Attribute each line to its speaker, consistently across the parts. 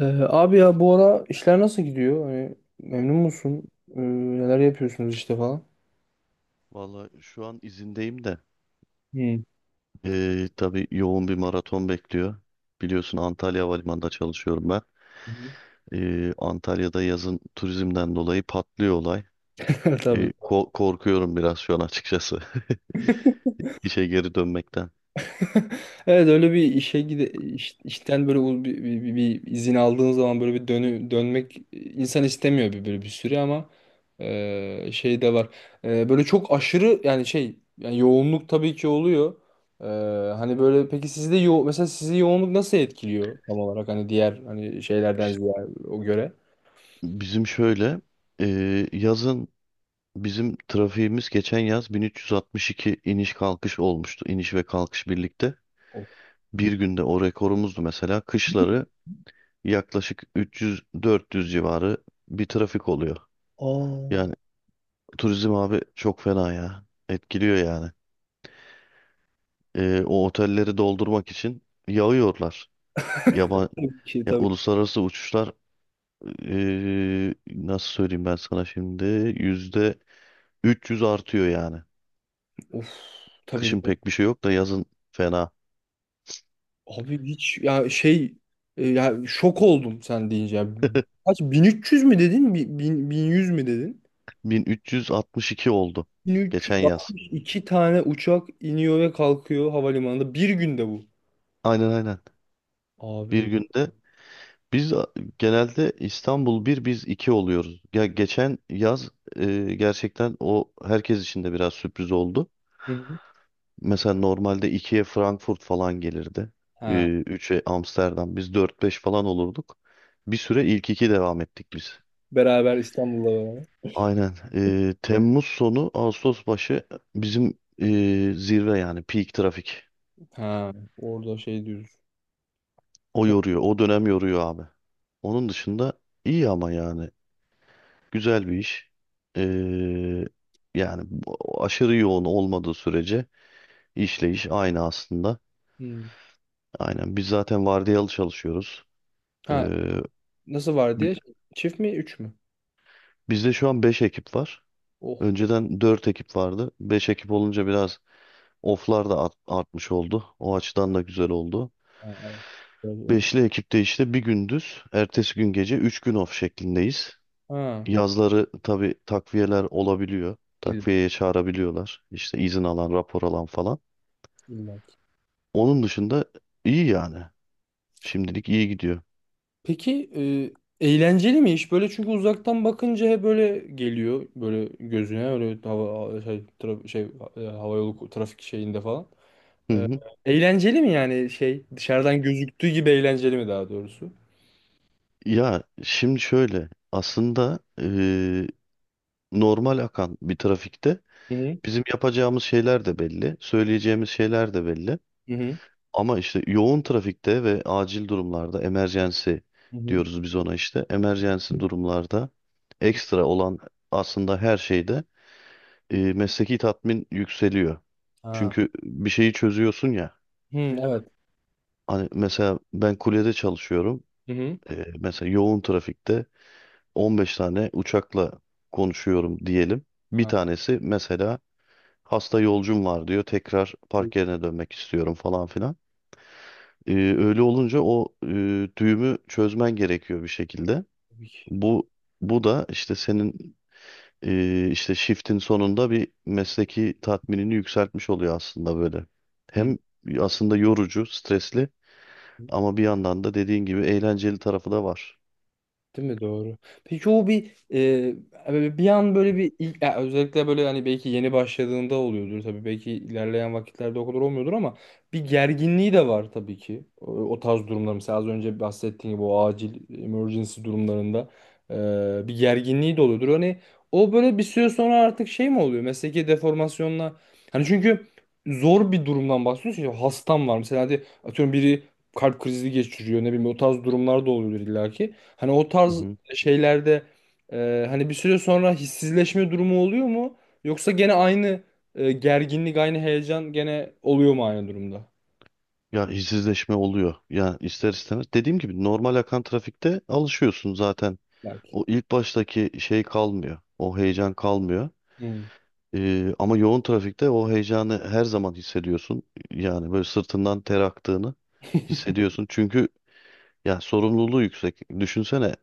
Speaker 1: Abi, ya bu ara işler nasıl gidiyor? Hani memnun musun? Ee, Neler yapıyorsunuz işte falan?
Speaker 2: Valla şu an izindeyim de
Speaker 1: Hmm.
Speaker 2: tabi tabii yoğun bir maraton bekliyor. Biliyorsun Antalya Havalimanı'nda çalışıyorum ben.
Speaker 1: Hı.
Speaker 2: Antalya'da yazın turizmden dolayı patlıyor olay.
Speaker 1: Evet,
Speaker 2: Korkuyorum biraz şu an açıkçası işe geri dönmekten.
Speaker 1: evet, öyle bir işe işten böyle bir izin aldığın zaman, böyle bir dönmek, insan istemiyor bir böyle bir süre, ama şey de var. Böyle çok aşırı, yani şey, yani yoğunluk tabii ki oluyor. E, Hani böyle, peki sizde mesela sizi yoğunluk nasıl etkiliyor tam olarak, hani diğer hani şeylerden ziyade o göre?
Speaker 2: Bizim şöyle e, yazın bizim trafiğimiz geçen yaz 1362 iniş kalkış olmuştu. İniş ve kalkış birlikte.
Speaker 1: Of.
Speaker 2: Bir günde o rekorumuzdu mesela. Kışları yaklaşık 300-400 civarı bir trafik oluyor.
Speaker 1: Aa.
Speaker 2: Yani turizm abi çok fena ya. Etkiliyor yani. O otelleri doldurmak için yağıyorlar. Yaban,
Speaker 1: Tabii ki,
Speaker 2: ya
Speaker 1: tabii.
Speaker 2: uluslararası uçuşlar nasıl söyleyeyim ben sana şimdi yüzde 300 artıyor yani.
Speaker 1: Of, tabii.
Speaker 2: Kışın pek bir şey yok da yazın fena.
Speaker 1: Abi, hiç ya şey, ya şok oldum sen deyince, ya. Kaç, 1300 mü dedin? 1100 mü dedin?
Speaker 2: 1362 oldu geçen yaz.
Speaker 1: 1362 tane uçak iniyor ve kalkıyor havalimanında bir günde, bu.
Speaker 2: Aynen, aynen. Bir
Speaker 1: Abi.
Speaker 2: günde biz genelde İstanbul bir biz 2 oluyoruz. Ya geçen yaz gerçekten o herkes için de biraz sürpriz oldu.
Speaker 1: Hı, hı.
Speaker 2: Mesela normalde ikiye Frankfurt falan gelirdi. E,
Speaker 1: Ha.
Speaker 2: 3'e Amsterdam. Biz dört beş falan olurduk. Bir süre ilk 2 devam ettik biz.
Speaker 1: Beraber, İstanbul'la beraber.
Speaker 2: Aynen. Temmuz sonu Ağustos başı bizim zirve yani peak trafik.
Speaker 1: Ha. Orada şey diyoruz.
Speaker 2: O
Speaker 1: Çok-
Speaker 2: yoruyor. O dönem yoruyor abi. Onun dışında iyi ama yani. Güzel bir iş. Ee, Yani aşırı yoğun olmadığı sürece işle iş aynı aslında.
Speaker 1: Hmm.
Speaker 2: Aynen. Biz zaten vardiyalı çalışıyoruz. Ee,
Speaker 1: Ha. Nasıl var
Speaker 2: bi-
Speaker 1: diye? Çift mi? Üç mü?
Speaker 2: Bizde şu an 5 ekip var.
Speaker 1: Oh.
Speaker 2: Önceden 4 ekip vardı. 5 ekip olunca biraz oflar da artmış oldu. O açıdan da güzel oldu.
Speaker 1: Ha, evet.
Speaker 2: Beşli ekipte işte bir gündüz, ertesi gün gece 3 gün off şeklindeyiz.
Speaker 1: Ha.
Speaker 2: Yazları tabii takviyeler olabiliyor.
Speaker 1: İlla.
Speaker 2: Takviyeye çağırabiliyorlar. İşte izin alan, rapor alan falan.
Speaker 1: İlla.
Speaker 2: Onun dışında iyi yani. Şimdilik iyi gidiyor.
Speaker 1: Peki, eğlenceli mi iş? Böyle, çünkü uzaktan bakınca hep böyle geliyor, böyle gözüne, öyle hava şey, şey, havayolu trafik şeyinde falan.
Speaker 2: Hı hı.
Speaker 1: Eğlenceli mi yani, şey, dışarıdan gözüktüğü gibi eğlenceli mi daha doğrusu?
Speaker 2: Ya şimdi şöyle aslında normal akan bir trafikte
Speaker 1: Hı hı.
Speaker 2: bizim yapacağımız şeyler de belli, söyleyeceğimiz şeyler de belli.
Speaker 1: Hı hı.
Speaker 2: Ama işte yoğun trafikte ve acil durumlarda emergency
Speaker 1: Hı hı.
Speaker 2: diyoruz biz ona işte. Emergency durumlarda ekstra olan aslında her şeyde mesleki tatmin yükseliyor.
Speaker 1: Ha.
Speaker 2: Çünkü bir şeyi çözüyorsun ya.
Speaker 1: Hı, evet.
Speaker 2: Hani mesela ben kulyede çalışıyorum.
Speaker 1: Hı hı.
Speaker 2: Mesela yoğun trafikte 15 tane uçakla konuşuyorum diyelim. Bir
Speaker 1: Ha,
Speaker 2: tanesi mesela hasta yolcum var diyor. Tekrar park yerine dönmek istiyorum falan filan. Öyle olunca o düğümü çözmen gerekiyor bir şekilde.
Speaker 1: tabii ki.
Speaker 2: Bu bu da işte senin işte shift'in sonunda bir mesleki tatminini yükseltmiş oluyor aslında böyle.
Speaker 1: Hı.
Speaker 2: Hem aslında yorucu, stresli ama bir yandan da dediğin gibi eğlenceli tarafı da var.
Speaker 1: Değil mi? Doğru. Peki, o bir böyle bir an, böyle bir ilk, ya özellikle böyle hani belki yeni başladığında oluyordur tabii, belki ilerleyen vakitlerde o kadar olmuyordur, ama bir gerginliği de var tabii ki. O tarz durumlar mesela, az önce bahsettiğim gibi, o acil emergency durumlarında bir gerginliği de oluyordur. Hani o böyle bir süre sonra artık şey mi oluyor? Mesleki deformasyonla, hani çünkü zor bir durumdan bahsediyorsun, ya. Hastam var mesela, hadi atıyorum, biri kalp krizi geçiriyor, ne bileyim, o tarz durumlar da oluyor illaki. Hani o
Speaker 2: Hı
Speaker 1: tarz
Speaker 2: hı.
Speaker 1: şeylerde hani bir süre sonra hissizleşme durumu oluyor mu? Yoksa gene aynı gerginlik, aynı heyecan, gene oluyor mu aynı durumda?
Speaker 2: Ya işsizleşme oluyor. Yani ister istemez. Dediğim gibi normal akan trafikte alışıyorsun zaten.
Speaker 1: Belki.
Speaker 2: O ilk baştaki şey kalmıyor. O heyecan kalmıyor.
Speaker 1: Hı
Speaker 2: Ama yoğun trafikte o heyecanı her zaman hissediyorsun. Yani böyle sırtından ter aktığını hissediyorsun. Çünkü ya sorumluluğu yüksek. Düşünsene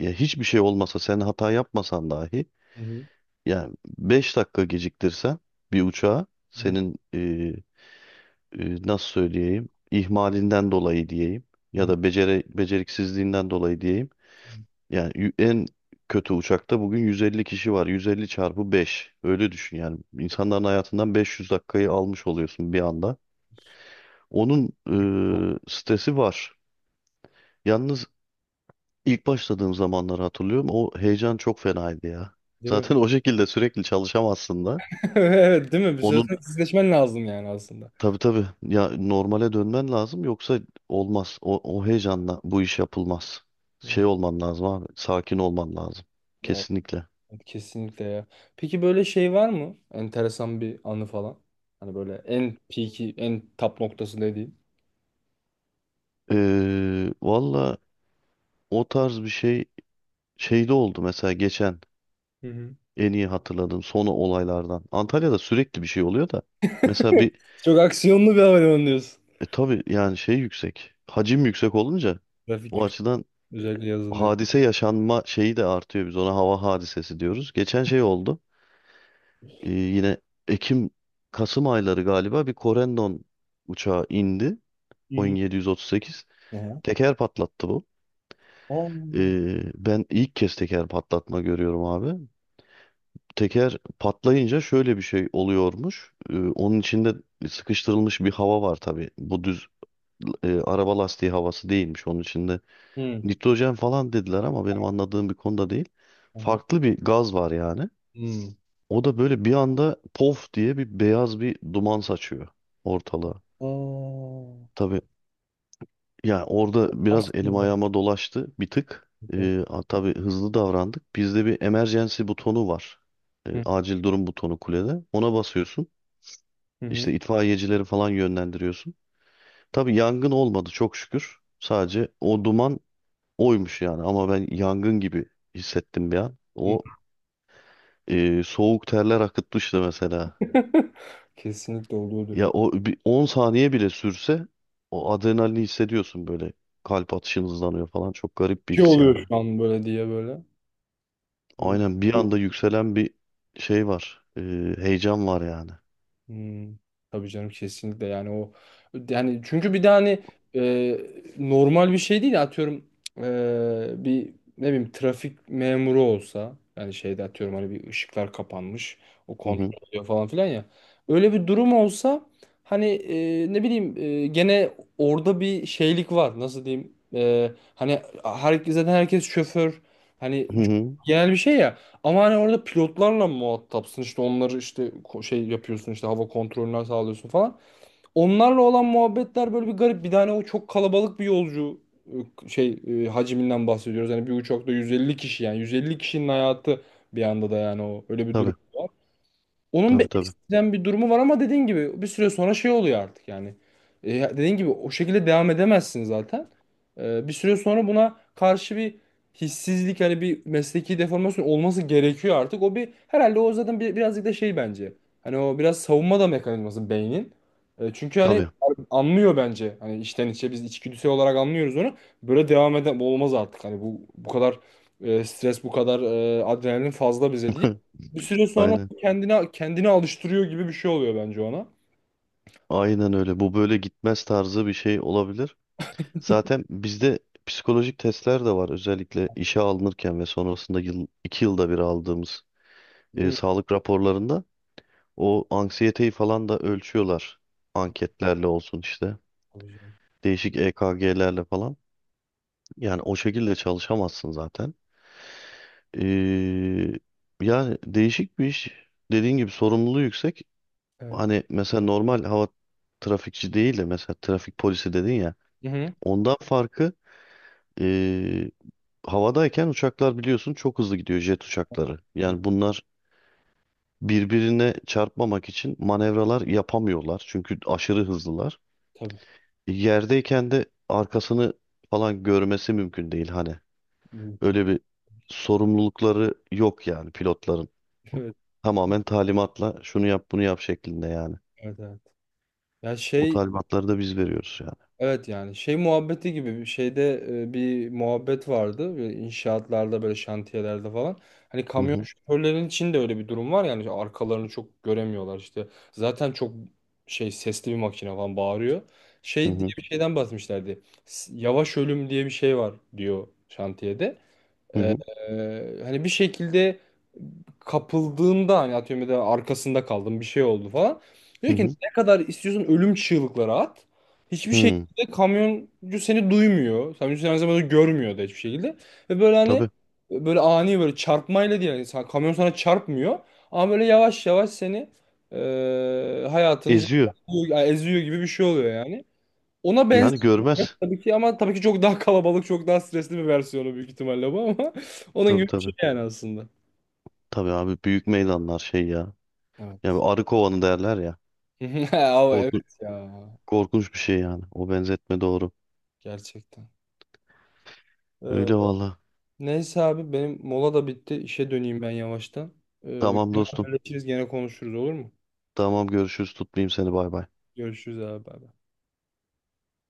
Speaker 2: ya hiçbir şey olmasa sen hata yapmasan dahi
Speaker 1: hı,
Speaker 2: yani 5 dakika geciktirsen bir uçağı
Speaker 1: hı hı,
Speaker 2: senin nasıl söyleyeyim ihmalinden dolayı diyeyim ya
Speaker 1: hı.
Speaker 2: da beceriksizliğinden dolayı diyeyim yani en kötü uçakta bugün 150 kişi var. 150 çarpı 5. Öyle düşün yani. İnsanların hayatından 500 dakikayı almış oluyorsun bir anda. Onun stresi var. Yalnız ilk başladığım zamanları hatırlıyorum. O heyecan çok fenaydı ya.
Speaker 1: Değil mi?
Speaker 2: Zaten o şekilde sürekli çalışamazsın da.
Speaker 1: Evet, değil mi? Bir süre
Speaker 2: Onun
Speaker 1: sonra hissizleşmen lazım yani aslında.
Speaker 2: tabii tabii ya, normale dönmen lazım yoksa olmaz. O heyecanla bu iş yapılmaz. Şey
Speaker 1: Evet,
Speaker 2: olman lazım abi. Sakin olman lazım.
Speaker 1: evet,
Speaker 2: Kesinlikle.
Speaker 1: kesinlikle ya. Peki, böyle şey var mı? Enteresan bir anı falan. Hani böyle en peak'i, en top noktası dediğin.
Speaker 2: Valla, o tarz bir şey şeyde oldu mesela, geçen
Speaker 1: Hı hı.
Speaker 2: en iyi hatırladığım son olaylardan. Antalya'da sürekli bir şey oluyor da. Mesela bir
Speaker 1: Çok aksiyonlu bir havalimanı diyorsun.
Speaker 2: tabii yani şey yüksek. Hacim yüksek olunca
Speaker 1: Trafik
Speaker 2: o
Speaker 1: yüksek.
Speaker 2: açıdan
Speaker 1: Özellikle yazın dedi.
Speaker 2: hadise yaşanma şeyi de artıyor. Biz ona hava hadisesi diyoruz. Geçen şey oldu. Yine Ekim Kasım ayları galiba bir Corendon uçağı indi.
Speaker 1: Hı hı.
Speaker 2: Boeing 738.
Speaker 1: Aha.
Speaker 2: Teker patlattı bu.
Speaker 1: Oo.
Speaker 2: Ben ilk kez teker patlatma görüyorum abi. Teker patlayınca şöyle bir şey oluyormuş. Onun içinde sıkıştırılmış bir hava var tabii. Bu düz araba lastiği havası değilmiş. Onun içinde
Speaker 1: Hı.
Speaker 2: nitrojen falan dediler ama benim anladığım bir konuda değil.
Speaker 1: Aha.
Speaker 2: Farklı bir gaz var yani.
Speaker 1: Hmm.
Speaker 2: O da böyle bir anda pof diye bir beyaz bir duman saçıyor ortalığa.
Speaker 1: Oo.
Speaker 2: Tabii yani orada biraz elim
Speaker 1: Aslında.
Speaker 2: ayağıma dolaştı bir tık.
Speaker 1: Hı
Speaker 2: Tabii hızlı davrandık. Bizde bir emergency butonu var. Acil durum butonu kulede. Ona basıyorsun.
Speaker 1: hı, hı.
Speaker 2: İşte itfaiyecileri falan yönlendiriyorsun. Tabii yangın olmadı çok şükür. Sadece o duman oymuş yani ama ben yangın gibi hissettim bir an.
Speaker 1: Hı.
Speaker 2: O soğuk terler akıtmıştı mesela.
Speaker 1: Kesinlikle oluyordur
Speaker 2: Ya
Speaker 1: ya.
Speaker 2: o bir 10 saniye bile sürse o adrenalini hissediyorsun böyle. Kalp atışın hızlanıyor falan. Çok garip bir
Speaker 1: Ki
Speaker 2: his
Speaker 1: oluyor
Speaker 2: yani.
Speaker 1: şu an, böyle diye böyle. Hı.
Speaker 2: Aynen bir anda yükselen bir şey var. Heyecan var yani.
Speaker 1: Hmm, tabii canım, kesinlikle yani o, yani çünkü bir de hani e, normal bir şey değil, atıyorum, bir, ne bileyim, trafik memuru olsa, yani şeyde, atıyorum, hani bir ışıklar kapanmış, o
Speaker 2: Hı hı.
Speaker 1: kontrol ediyor falan filan ya, öyle bir durum olsa, hani ne bileyim, gene orada bir şeylik var, nasıl diyeyim, hani herkes zaten, herkes şoför, hani
Speaker 2: Hı hı.
Speaker 1: genel bir şey ya, ama hani orada pilotlarla muhatapsın, işte onları işte şey yapıyorsun, işte hava kontrolünü sağlıyorsun falan. Onlarla olan muhabbetler böyle bir garip. Bir tane o çok kalabalık bir yolcu şey, hacminden bahsediyoruz. Yani bir uçakta 150 kişi, yani 150 kişinin hayatı bir anda da, yani o öyle bir durum.
Speaker 2: Tabii,
Speaker 1: Onun bir
Speaker 2: tabii, tabii.
Speaker 1: ekstrem bir durumu var, ama dediğin gibi bir süre sonra şey oluyor artık yani. Dediğin gibi o şekilde devam edemezsin zaten. Bir süre sonra buna karşı bir hissizlik, hani bir mesleki deformasyon olması gerekiyor artık. O bir herhalde, o zaten bir, birazcık da şey bence. Hani o biraz savunma da mekanizması beynin. Çünkü hani
Speaker 2: Tabii.
Speaker 1: anlıyor bence. Hani içten içe biz içgüdüsel olarak anlıyoruz onu. Böyle devam eden, bu olmaz artık. Hani bu kadar stres, bu kadar adrenalin fazla bize değil. Bir süre sonra
Speaker 2: Aynen.
Speaker 1: kendine kendini alıştırıyor gibi bir şey oluyor bence ona.
Speaker 2: Aynen öyle. Bu böyle gitmez tarzı bir şey olabilir. Zaten bizde psikolojik testler de var. Özellikle işe alınırken ve sonrasında 2 yılda bir aldığımız
Speaker 1: Hı.
Speaker 2: sağlık raporlarında o anksiyeteyi falan da ölçüyorlar. Anketlerle olsun işte.
Speaker 1: Tabii canım.
Speaker 2: Değişik EKG'lerle falan. Yani o şekilde çalışamazsın zaten. Ee, Yani değişik bir iş. Dediğin gibi sorumluluğu yüksek.
Speaker 1: Evet.
Speaker 2: Hani mesela normal hava trafikçi değil de mesela trafik polisi dedin ya.
Speaker 1: Hı hı.
Speaker 2: Ondan farkı, Ee, havadayken uçaklar biliyorsun çok hızlı gidiyor jet uçakları.
Speaker 1: Bir-
Speaker 2: Yani bunlar birbirine çarpmamak için manevralar yapamıyorlar. Çünkü aşırı hızlılar.
Speaker 1: Tabii.
Speaker 2: Yerdeyken de arkasını falan görmesi mümkün değil hani.
Speaker 1: Mümkün.
Speaker 2: Öyle bir sorumlulukları yok yani pilotların.
Speaker 1: Evet,
Speaker 2: Tamamen talimatla şunu yap bunu yap şeklinde yani.
Speaker 1: evet, evet. Ya
Speaker 2: O
Speaker 1: şey,
Speaker 2: talimatları da biz veriyoruz yani.
Speaker 1: evet, yani şey muhabbeti gibi bir şeyde, bir muhabbet vardı. Böyle inşaatlarda, böyle şantiyelerde falan. Hani
Speaker 2: Hı
Speaker 1: kamyon
Speaker 2: hı,
Speaker 1: şoförlerin için de öyle bir durum var yani, arkalarını çok göremiyorlar işte. Zaten çok şey, sesli bir makine falan bağırıyor. Şey
Speaker 2: hı
Speaker 1: diye bir şeyden bahsetmişlerdi. Yavaş ölüm diye bir şey var, diyor, şantiyede.
Speaker 2: hı,
Speaker 1: Ee,
Speaker 2: hı
Speaker 1: Hani bir şekilde kapıldığında, hani atıyorum ya da arkasında kaldım, bir şey oldu falan.
Speaker 2: hı
Speaker 1: Diyor ki,
Speaker 2: hı.
Speaker 1: ne kadar istiyorsun ölüm çığlıkları at. Hiçbir
Speaker 2: Hı. Hı,
Speaker 1: şekilde kamyoncu seni duymuyor. Kamyoncu seni aynı zamanda görmüyor da, hiçbir şekilde. Ve böyle hani,
Speaker 2: tabii
Speaker 1: böyle ani böyle çarpmayla değil. Yani sen- kamyon sana çarpmıyor. Ama böyle yavaş yavaş seni hayatını
Speaker 2: eziyor.
Speaker 1: eziyor, eziyor gibi bir şey oluyor yani. Ona
Speaker 2: Yani
Speaker 1: benziyor
Speaker 2: görmez.
Speaker 1: tabii ki, ama tabii ki çok daha kalabalık, çok daha stresli bir versiyonu büyük ihtimalle bu, ama onun
Speaker 2: Tabii,
Speaker 1: gibi bir şey
Speaker 2: tabii.
Speaker 1: yani aslında.
Speaker 2: Tabii abi, büyük meydanlar şey ya.
Speaker 1: Evet.
Speaker 2: Yani arı kovanı derler ya.
Speaker 1: Ama
Speaker 2: Korku-
Speaker 1: evet, ya
Speaker 2: Korkunç bir şey yani. O benzetme doğru.
Speaker 1: gerçekten. Ee,
Speaker 2: Öyle valla.
Speaker 1: Neyse abi, benim mola da bitti. İşe döneyim ben yavaştan.
Speaker 2: Tamam
Speaker 1: Gene
Speaker 2: dostum.
Speaker 1: haberleşiriz, gene konuşuruz, olur mu?
Speaker 2: Tamam görüşürüz. Tutmayayım seni. Bay bay.
Speaker 1: Görüşürüz abi. Bay bay.